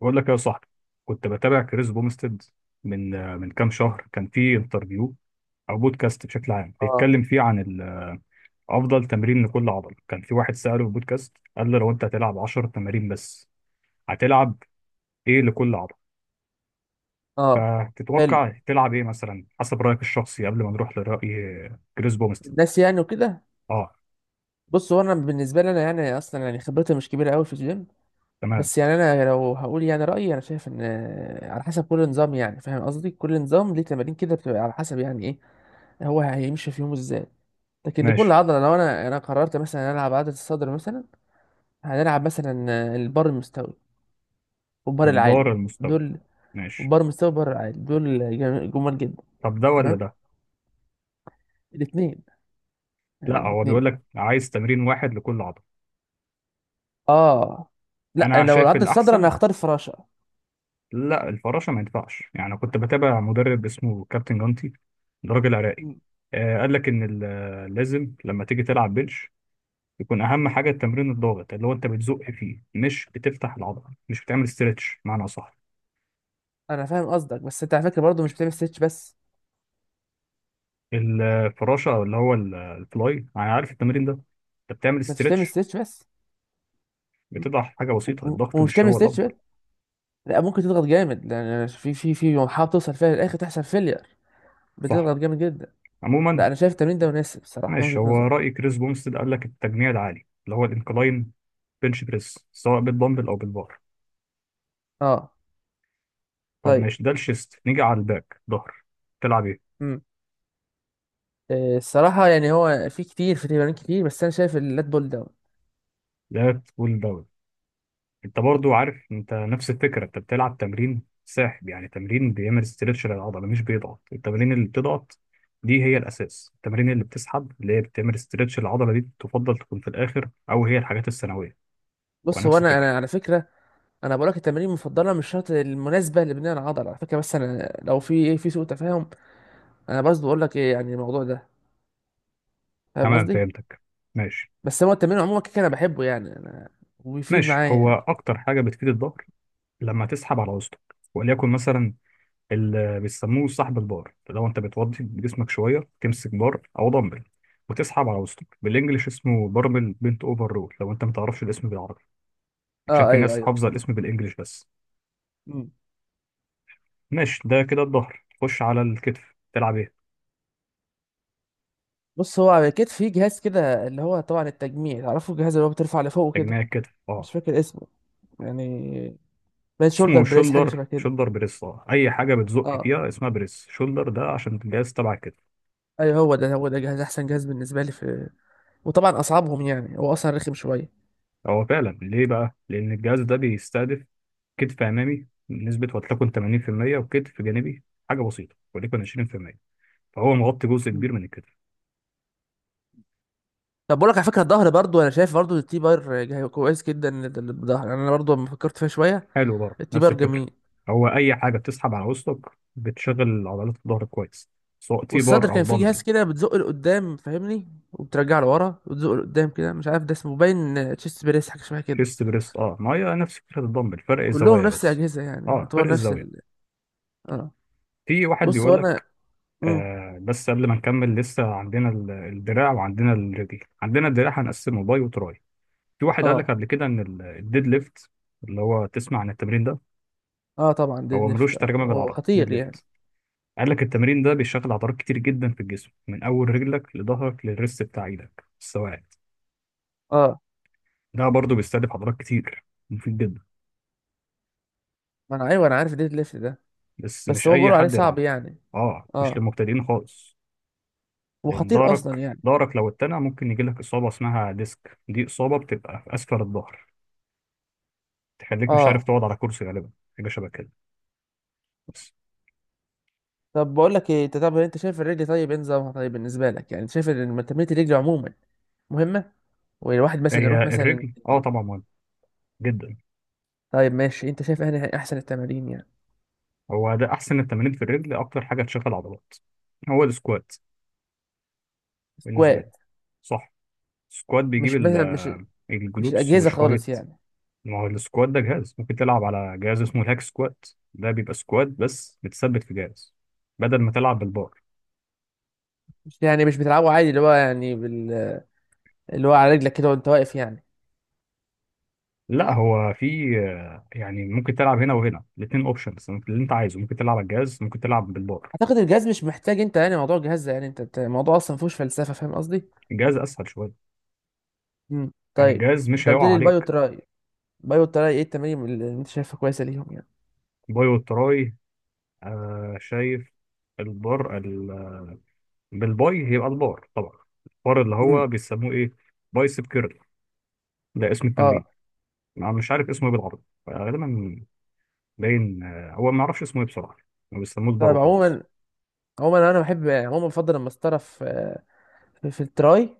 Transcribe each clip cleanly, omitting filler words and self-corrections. بقول لك يا صاحبي، كنت بتابع كريس بومستد من كام شهر. كان في انترفيو او بودكاست بشكل عام اه. بيتكلم فيه عن افضل تمرين لكل عضله. كان في واحد ساله في البودكاست، قال له لو انت هتلعب 10 تمارين بس، هتلعب ايه لكل عضله؟ اه. حلو. فتتوقع تلعب ايه مثلا حسب رايك الشخصي قبل ما نروح لراي كريس بومستد؟ الناس يعني وكده. اه، بص، هو انا بالنسبه لي انا يعني اصلا يعني خبرتي مش كبيره قوي في الجيم. تمام، بس يعني انا لو هقول يعني رايي، انا شايف ان على حسب كل نظام، يعني فاهم قصدي، كل نظام ليه تمارين كده، بتبقى على حسب يعني ايه هو هيمشي في يومه ازاي. لكن لكل ماشي. عضله، لو انا قررت مثلا العب عضله الصدر مثلا هنلعب مثلا البار المستوي والبار العالي البار المستوي، دول. ماشي. البار المستوي والبار العالي دول جمال جدا. طب ده ولا تمام. ده؟ الاثنين. لا، هو بيقول الاثنين. لك عايز تمرين واحد لكل عضله. اه. لا، انا لو شايف العض الصدر انا الاحسن. هختار الفراشه. لا، الفراشه ما ينفعش. يعني كنت بتابع مدرب اسمه كابتن جانتي، ده راجل عراقي. م. آه، قال لك ان لازم لما تيجي تلعب بنش يكون اهم حاجه التمرين الضاغط، اللي هو انت بتزق فيه، مش بتفتح العضله، مش بتعمل استرتش. معنى اصح، انا فاهم قصدك، بس انت على فكره برضه مش بتعمل ستيتش بس. الفراشه او اللي هو الفلاي، يعني عارف التمرين ده انت بتعمل ما انتش بتعمل استرتش، ستيتش بس. م. بتضع حاجه بسيطه. الضغط ومش مش تعمل هو ستيتش بس. الافضل؟ لا، ممكن تضغط جامد لان في في محاولة توصل فيها للاخر تحصل فيلير. بتضغط صح، جامد جدا. عموما. لا انا شايف التمرين ده مناسب الصراحه من ماشي، وجهه هو نظري. راي كريس بومستد قال لك التجميع العالي اللي هو الانكلاين بنش بريس، سواء بالدمبل او بالبار. اه. طب طيب. ماشي، ده الشيست. نيجي على الباك، ظهر، تلعب ايه؟ امم الصراحه يعني هو في كتير، في تمارين كتير، بس انا شايف اللات بول داون. لات بول داون. انت برضو عارف، انت نفس الفكره، انت بتلعب تمرين ساحب، يعني تمرين بيعمل استرتش للعضله مش بيضغط. التمارين اللي بتضغط دي هي الاساس، التمارين اللي بتسحب اللي هي بتعمل استرتش للعضله دي تفضل تكون في الاخر، او هي الحاجات الثانويه. بص هو ونفس انا الفكره. انا على فكره، انا بقول لك التمارين المفضله مش شرط المناسبه لبناء العضله على فكره. بس انا لو في في سوء تفاهم، انا بس بقول لك ايه يعني الموضوع ده، فاهم تمام، قصدي. فهمتك، ماشي. بس هو التمرين عموما كده انا بحبه يعني انا، وبيفيد ماشي، معايا هو يعني. اكتر حاجه بتفيد الظهر لما تسحب على وسطك، وليكن مثلا اللي بيسموه سحب البار. لو انت بتوضي جسمك شويه تمسك بار او دمبل وتسحب على وسطك، بالانجلش اسمه باربل بنت اوفر رول، لو انت ما تعرفش الاسم بالعربي، عشان اه في ايوه ناس ايوه. حافظه الاسم بالانجلش بس. مم. ماشي، ده كده الظهر. خش على الكتف، تلعب ايه؟ بص، هو على كتف في جهاز كده اللي هو طبعا التجميع، تعرفه الجهاز اللي هو بترفع لفوق تجميع كده. الكتف، اه، مش فاكر اسمه يعني، بين شولدر اسمه بريس حاجه شولدر شبه كده. بريس. اه، اي حاجه بتزق اه فيها اسمها بريس. شولدر ده عشان الجهاز تبع الكتف. ايوه، هو ده جهاز احسن جهاز بالنسبه لي في. وطبعا اصعبهم يعني، هو اصلا رخم شويه. هو فعلا ليه بقى؟ لان الجهاز ده بيستهدف كتف امامي بنسبه ولتكن 80%، وكتف جانبي حاجه بسيطه وليكن 20%، فهو مغطي جزء مم. كبير من الكتف. طب بقول لك على فكره، الظهر برضو انا شايف برضو التي بار كويس جدا للظهر. يعني انا برضو لما فكرت فيها شويه، حلو، برضه التي نفس بار الفكرة. جميل. هو أي حاجة بتسحب على وسطك بتشغل عضلات الظهر كويس، سواء تي والصدر بار أو كان فيه دمبل. جهاز كده بتزق لقدام فاهمني، وبترجع لورا وتزق لقدام كده، مش عارف ده اسمه باين تشيست بريس حاجه شبه كده. شيست بريست، اه، ما هي نفس فكرة الدمبل، فرق كلهم الزوايا نفس بس. الاجهزه يعني، اه، فرق يعتبر نفس ال الزاوية. اه. في واحد بص هو بيقول انا. لك، امم بس قبل ما نكمل لسه عندنا الدراع وعندنا الرجل. عندنا الدراع هنقسمه باي وتراي. في واحد قال لك اه. قبل كده ان الديد ليفت، اللي هو تسمع عن التمرين ده، اه طبعا، ديد هو ليفت ملوش اه ترجمة هو بالعربي ديد خطير يعني. ليفت. قال لك التمرين ده بيشغل عضلات كتير جدا في الجسم، من اول رجلك لظهرك للريست بتاع ايدك، السواعد. اه ده برضه بيستهدف عضلات كتير، مفيد جدا، ما انا ايوه انا عارف ديد ليفت ده. بس بس مش هو اي بيقولوا عليه حد صعب يلعبه. يعني. اه، مش اه. للمبتدئين خالص. لان وخطير اصلا يعني. ظهرك لو اتنع ممكن يجيلك اصابه اسمها ديسك. دي اصابه بتبقى في اسفل الظهر، تخليك مش عارف اه. تقعد على كرسي غالبا، حاجه شبه كده. بس طب بقول لك ايه، انت طب انت شايف الرجل طيب ايه نظامها طيب بالنسبه لك؟ يعني أنت شايف ان تمرينه الرجل عموما مهمه، والواحد مثلا هي يروح مثلا. الرجل، اه، طبعا مهم جدا. طيب ماشي، انت شايف ايه احسن التمارين يعني؟ هو ده احسن التمارين في الرجل، اكتر حاجه تشغل عضلات، هو السكوات، بالنسبه لي. سكوات. صح. السكوات بيجيب مش مش الجلوتس الاجهزه وشوية. خالص يعني؟ ما هو السكوات ده جهاز، ممكن تلعب على جهاز اسمه الهاك سكوات، ده بيبقى سكوات بس بتثبت في جهاز بدل ما تلعب بالبار. مش يعني مش بتلعبه عادي اللي هو يعني بال... اللي هو على رجلك كده وانت واقف يعني. لا، هو في يعني ممكن تلعب هنا وهنا، الاتنين اوبشنز اللي انت عايزه. ممكن تلعب على الجهاز، ممكن تلعب بالبار. اعتقد الجهاز مش محتاج، انت يعني موضوع الجهاز ده يعني، انت الموضوع اصلا ما فيهوش فلسفه فاهم قصدي. الجهاز اسهل شوية، يعني طيب. الجهاز انت مش قلت هيقع لي البايو عليك. تراي. البايو تراي ايه التمارين اللي انت شايفها كويسه ليهم يعني؟ باي والتراي، آه شايف، البار بالباي هيبقى البار طبعا. البار اللي امم هو بيسموه ايه، بايسب كيرل، ده اسم اه. التمرين. انا مش عارف اسمه ايه بالعربي غالبا. باين هو ما اعرفش اسمه ايه بصراحه، ما بيسموه البر طيب وخلاص. عموما، عموما انا بحب يعني، عموما بفضل المسطره في في التراي.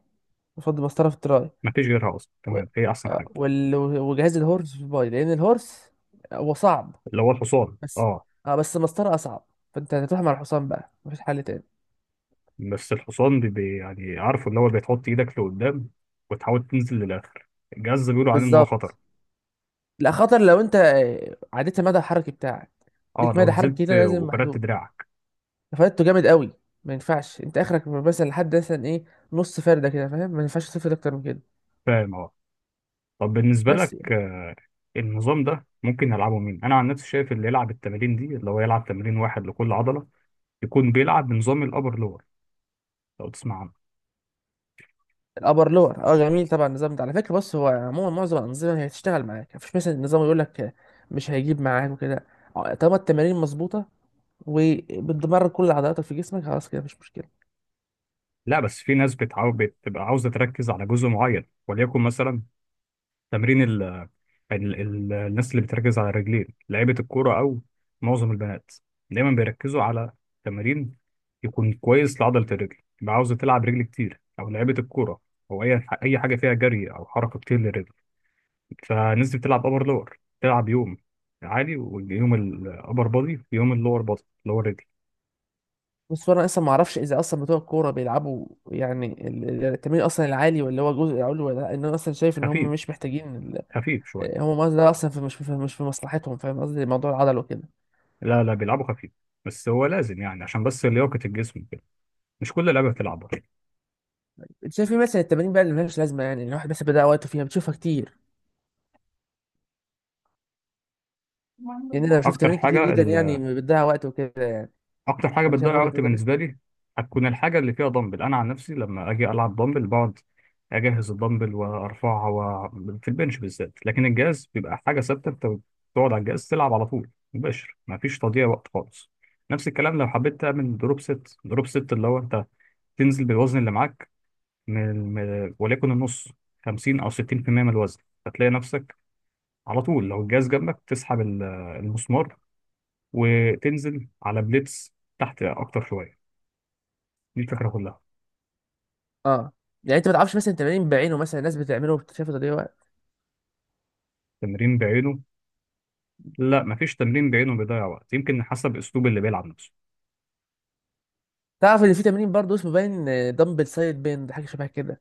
بفضل المسطره في التراي. ما فيش غيرها اصلا، و- تمام، هي احسن حاجه. وجهاز الهورس في الباي، لان الهورس هو صعب. اللي هو الحصان، بس اه. اه، بس المسطره اصعب. فانت هتروح مع الحصان بقى، مفيش حل تاني. بس الحصان يعني عارفه اللي هو بتحط ايدك لقدام وتحاول تنزل للاخر. الجهاز ده بيقولوا عليه ان هو بالظبط. خطر. لا، خطر لو انت عديت المدى الحركي بتاعك. اه، ليك لو مدى حركي نزلت كده لازم وفردت محدود. دراعك. فايدته جامد قوي. ما ينفعش انت اخرك مثلا لحد مثلا ايه، نص فرده كده فاهم، ما ينفعش تفرد اكتر من كده. فاهم، اه. طب بالنسبه بس لك، يعني. النظام ده ممكن يلعبه مين؟ انا عن نفسي شايف اللي يلعب التمارين دي، اللي هو يلعب تمرين واحد لكل عضله، يكون بيلعب بنظام الابر لور، لو تسمع عنه. الابر لور اه جميل طبعا، النظام ده على فكره. بص هو عموما معظم الانظمه هي هتشتغل معاك، مفيش مثلا نظام يقول لك مش هيجيب معاك وكده. طالما التمارين مظبوطه وبتدمر كل عضلاتك في جسمك، خلاص كده مفيش مشكله. لا، بس في ناس بتبقى عاوزه تركز على جزء معين، وليكن مثلا تمرين ال الناس اللي بتركز على الرجلين، لعيبة الكورة أو معظم البنات دايما بيركزوا على تمرين يكون كويس لعضلة الرجل، يبقى عاوزة تلعب رجل كتير، أو لعيبة الكورة، أو أي حاجة فيها جري أو حركة كتير للرجل. فالناس دي بتلعب أبر لور، تلعب يوم عالي، ويوم الأبر بادي، ويوم اللور بادي اللي هو الرجل. بس انا اصلا ما اعرفش اذا اصلا بتوع الكوره بيلعبوا يعني التمرين اصلا العالي ولا هو جزء علوي ولا لا. ان انا اصلا شايف ان هم خفيف، مش محتاجين ال خفيف شوية. هم ده اصلا في مش في مش في مصلحتهم فاهم قصدي، موضوع العضل وكده. لا لا، بيلعبوا خفيف، بس هو لازم يعني عشان بس لياقة الجسم كده، مش كل اللعيبة بتلعبها. انت شايف ايه مثلا التمارين بقى اللي ملهاش لازمه، يعني إن الواحد بس بيضيع وقته فيها، بتشوفها كتير؟ يعني انا بشوف أكتر تمارين كتير حاجة، جدا يعني بتضيع وقت وكده يعني. اكتر حاجه انا شايف بتضيع وجهه وقت نظري. بالنسبه لي هتكون الحاجه اللي فيها دمبل. انا عن نفسي لما اجي العب دمبل بقعد اجهز الدمبل وارفعها و... في البنش بالذات. لكن الجهاز بيبقى حاجه ثابته، انت بتقعد على الجهاز تلعب على طول مباشر، مفيش تضييع وقت خالص. نفس الكلام لو حبيت تعمل دروب ست. دروب ست اللي هو انت تنزل بالوزن اللي معاك وليكن النص، 50 او 60% من الوزن، هتلاقي نفسك على طول لو الجهاز جنبك تسحب المسمار وتنزل على بليتس تحت اكتر شويه. دي الفكرة كلها. اه. يعني انت ما تعرفش مثلا تمارين بعينه مثلا الناس بتعمله وبتشوفه تضييع وقت؟ تمرين بعينه؟ لا، مفيش تمرين بعينه بيضيع وقت، يمكن حسب اسلوب اللي بيلعب نفسه. تعرف ان في تمرين برضه اسمه باين، دمبل سايد بين حاجه شبه كده.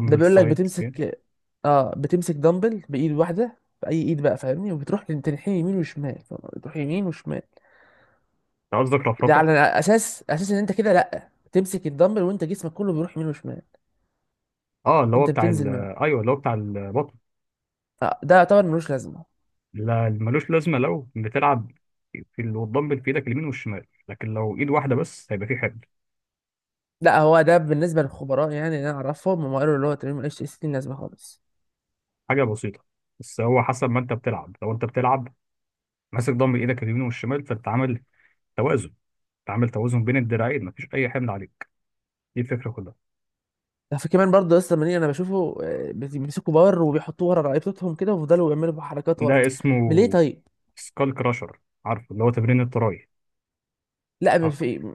ده بيقول لك سايد، يعني بتمسك، اه بتمسك دمبل بايد واحده باي ايد بقى فاهمني، وبتروح تنحني يمين وشمال. بتروح يمين وشمال. انت قصدك ده رفرفة؟ على اساس ان انت كده لا، تمسك الدمبل وانت جسمك كله بيروح يمين وشمال. اه، اللي هو انت بتاع ال، بتنزل معاه. ايوه اللي هو بتاع البطن. آه ده يعتبر ملوش لازمه. لا، ملوش لازمة، لو بتلعب في والدمبل في ايدك اليمين والشمال، لكن لو ايد واحدة بس هيبقى في حمل. لا هو ده بالنسبه للخبراء، يعني اللي انا اعرفهم هم قالوا اللي هو تمرين ملوش اي لازمه خالص. حاجة بسيطة، بس هو حسب ما انت بتلعب، لو انت بتلعب ماسك دمبل ايدك اليمين والشمال، فانت عامل توازن. انت عامل توازن بين الدراعين، مفيش اي حمل عليك. دي الفكرة كلها. ده في كمان برضه لسه منين انا بشوفه بيمسكوا بار وبيحطوه ورا رقبتهم كده ويفضلوا يعملوا حركات ورا، ده من ليه اسمه طيب؟ سكال كراشر، عارفه اللي هو تمرين التراي. لا مش آه. في.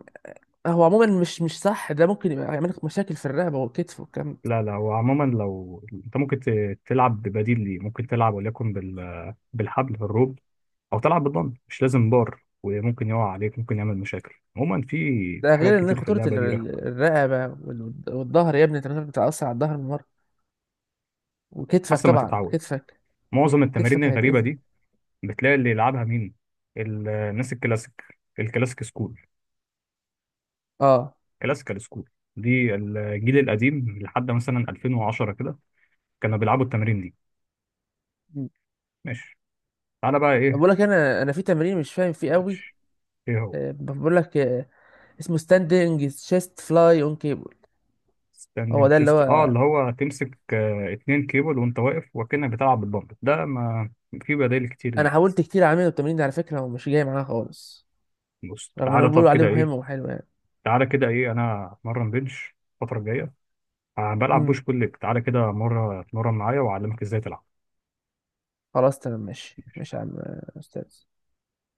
هو عموما مش صح، ده ممكن يبقى يعمل لك مشاكل في الرقبه والكتف والكم. لا لا، وعموما لو انت ممكن تلعب ببديل ليه، ممكن تلعب وليكن بالحبل بالروب، او تلعب بالضم، مش لازم بار، وممكن يقع عليك، ممكن يعمل مشاكل عموما في. في ده حاجات غير ان كتير في خطوره اللعبه دي رخمه، الرقبه والظهر يا ابني، انت مش بتتاثر على الظهر من مره. وكتفك حسب ما طبعا، تتعود. كتفك معظم التمارين كتفك الغريبه هيتاذي. دي بتلاقي اللي يلعبها مين؟ الناس الكلاسيك، الكلاسيك سكول، اه. كلاسيكال سكول، دي الجيل م- القديم لحد مثلا 2010 كده كانوا بيلعبوا التمارين دي. م. ماشي، تعالى بقى طب ايه. بقول لك، انا في تمرين مش فاهم فيه قوي. ماشي، ايه هو؟ بقول لك اسمه ستاندنج تشيست فلاي اون كيبل. هو ستاندنج ده اللي شيست، اه هو. اللي هو تمسك اتنين كيبل وانت واقف وكأنك بتلعب بالدمبل ده. ما في بدائل كتير انا ليه. حاولت كتير اعمله التمرين ده على فكره ومش جاي معايا خالص، بص، رغم تعالى انهم طب بيقولوا عليه كده مهم ايه. وحلو يعني. تعالى كده ايه، انا اتمرن بنش الفترة الجاية، بلعب امم بوش بول ليج. تعالى كده مرة اتمرن معايا واعلمك ازاي تلعب. خلاص تمام ماشي ماشي يا عم، استاذ.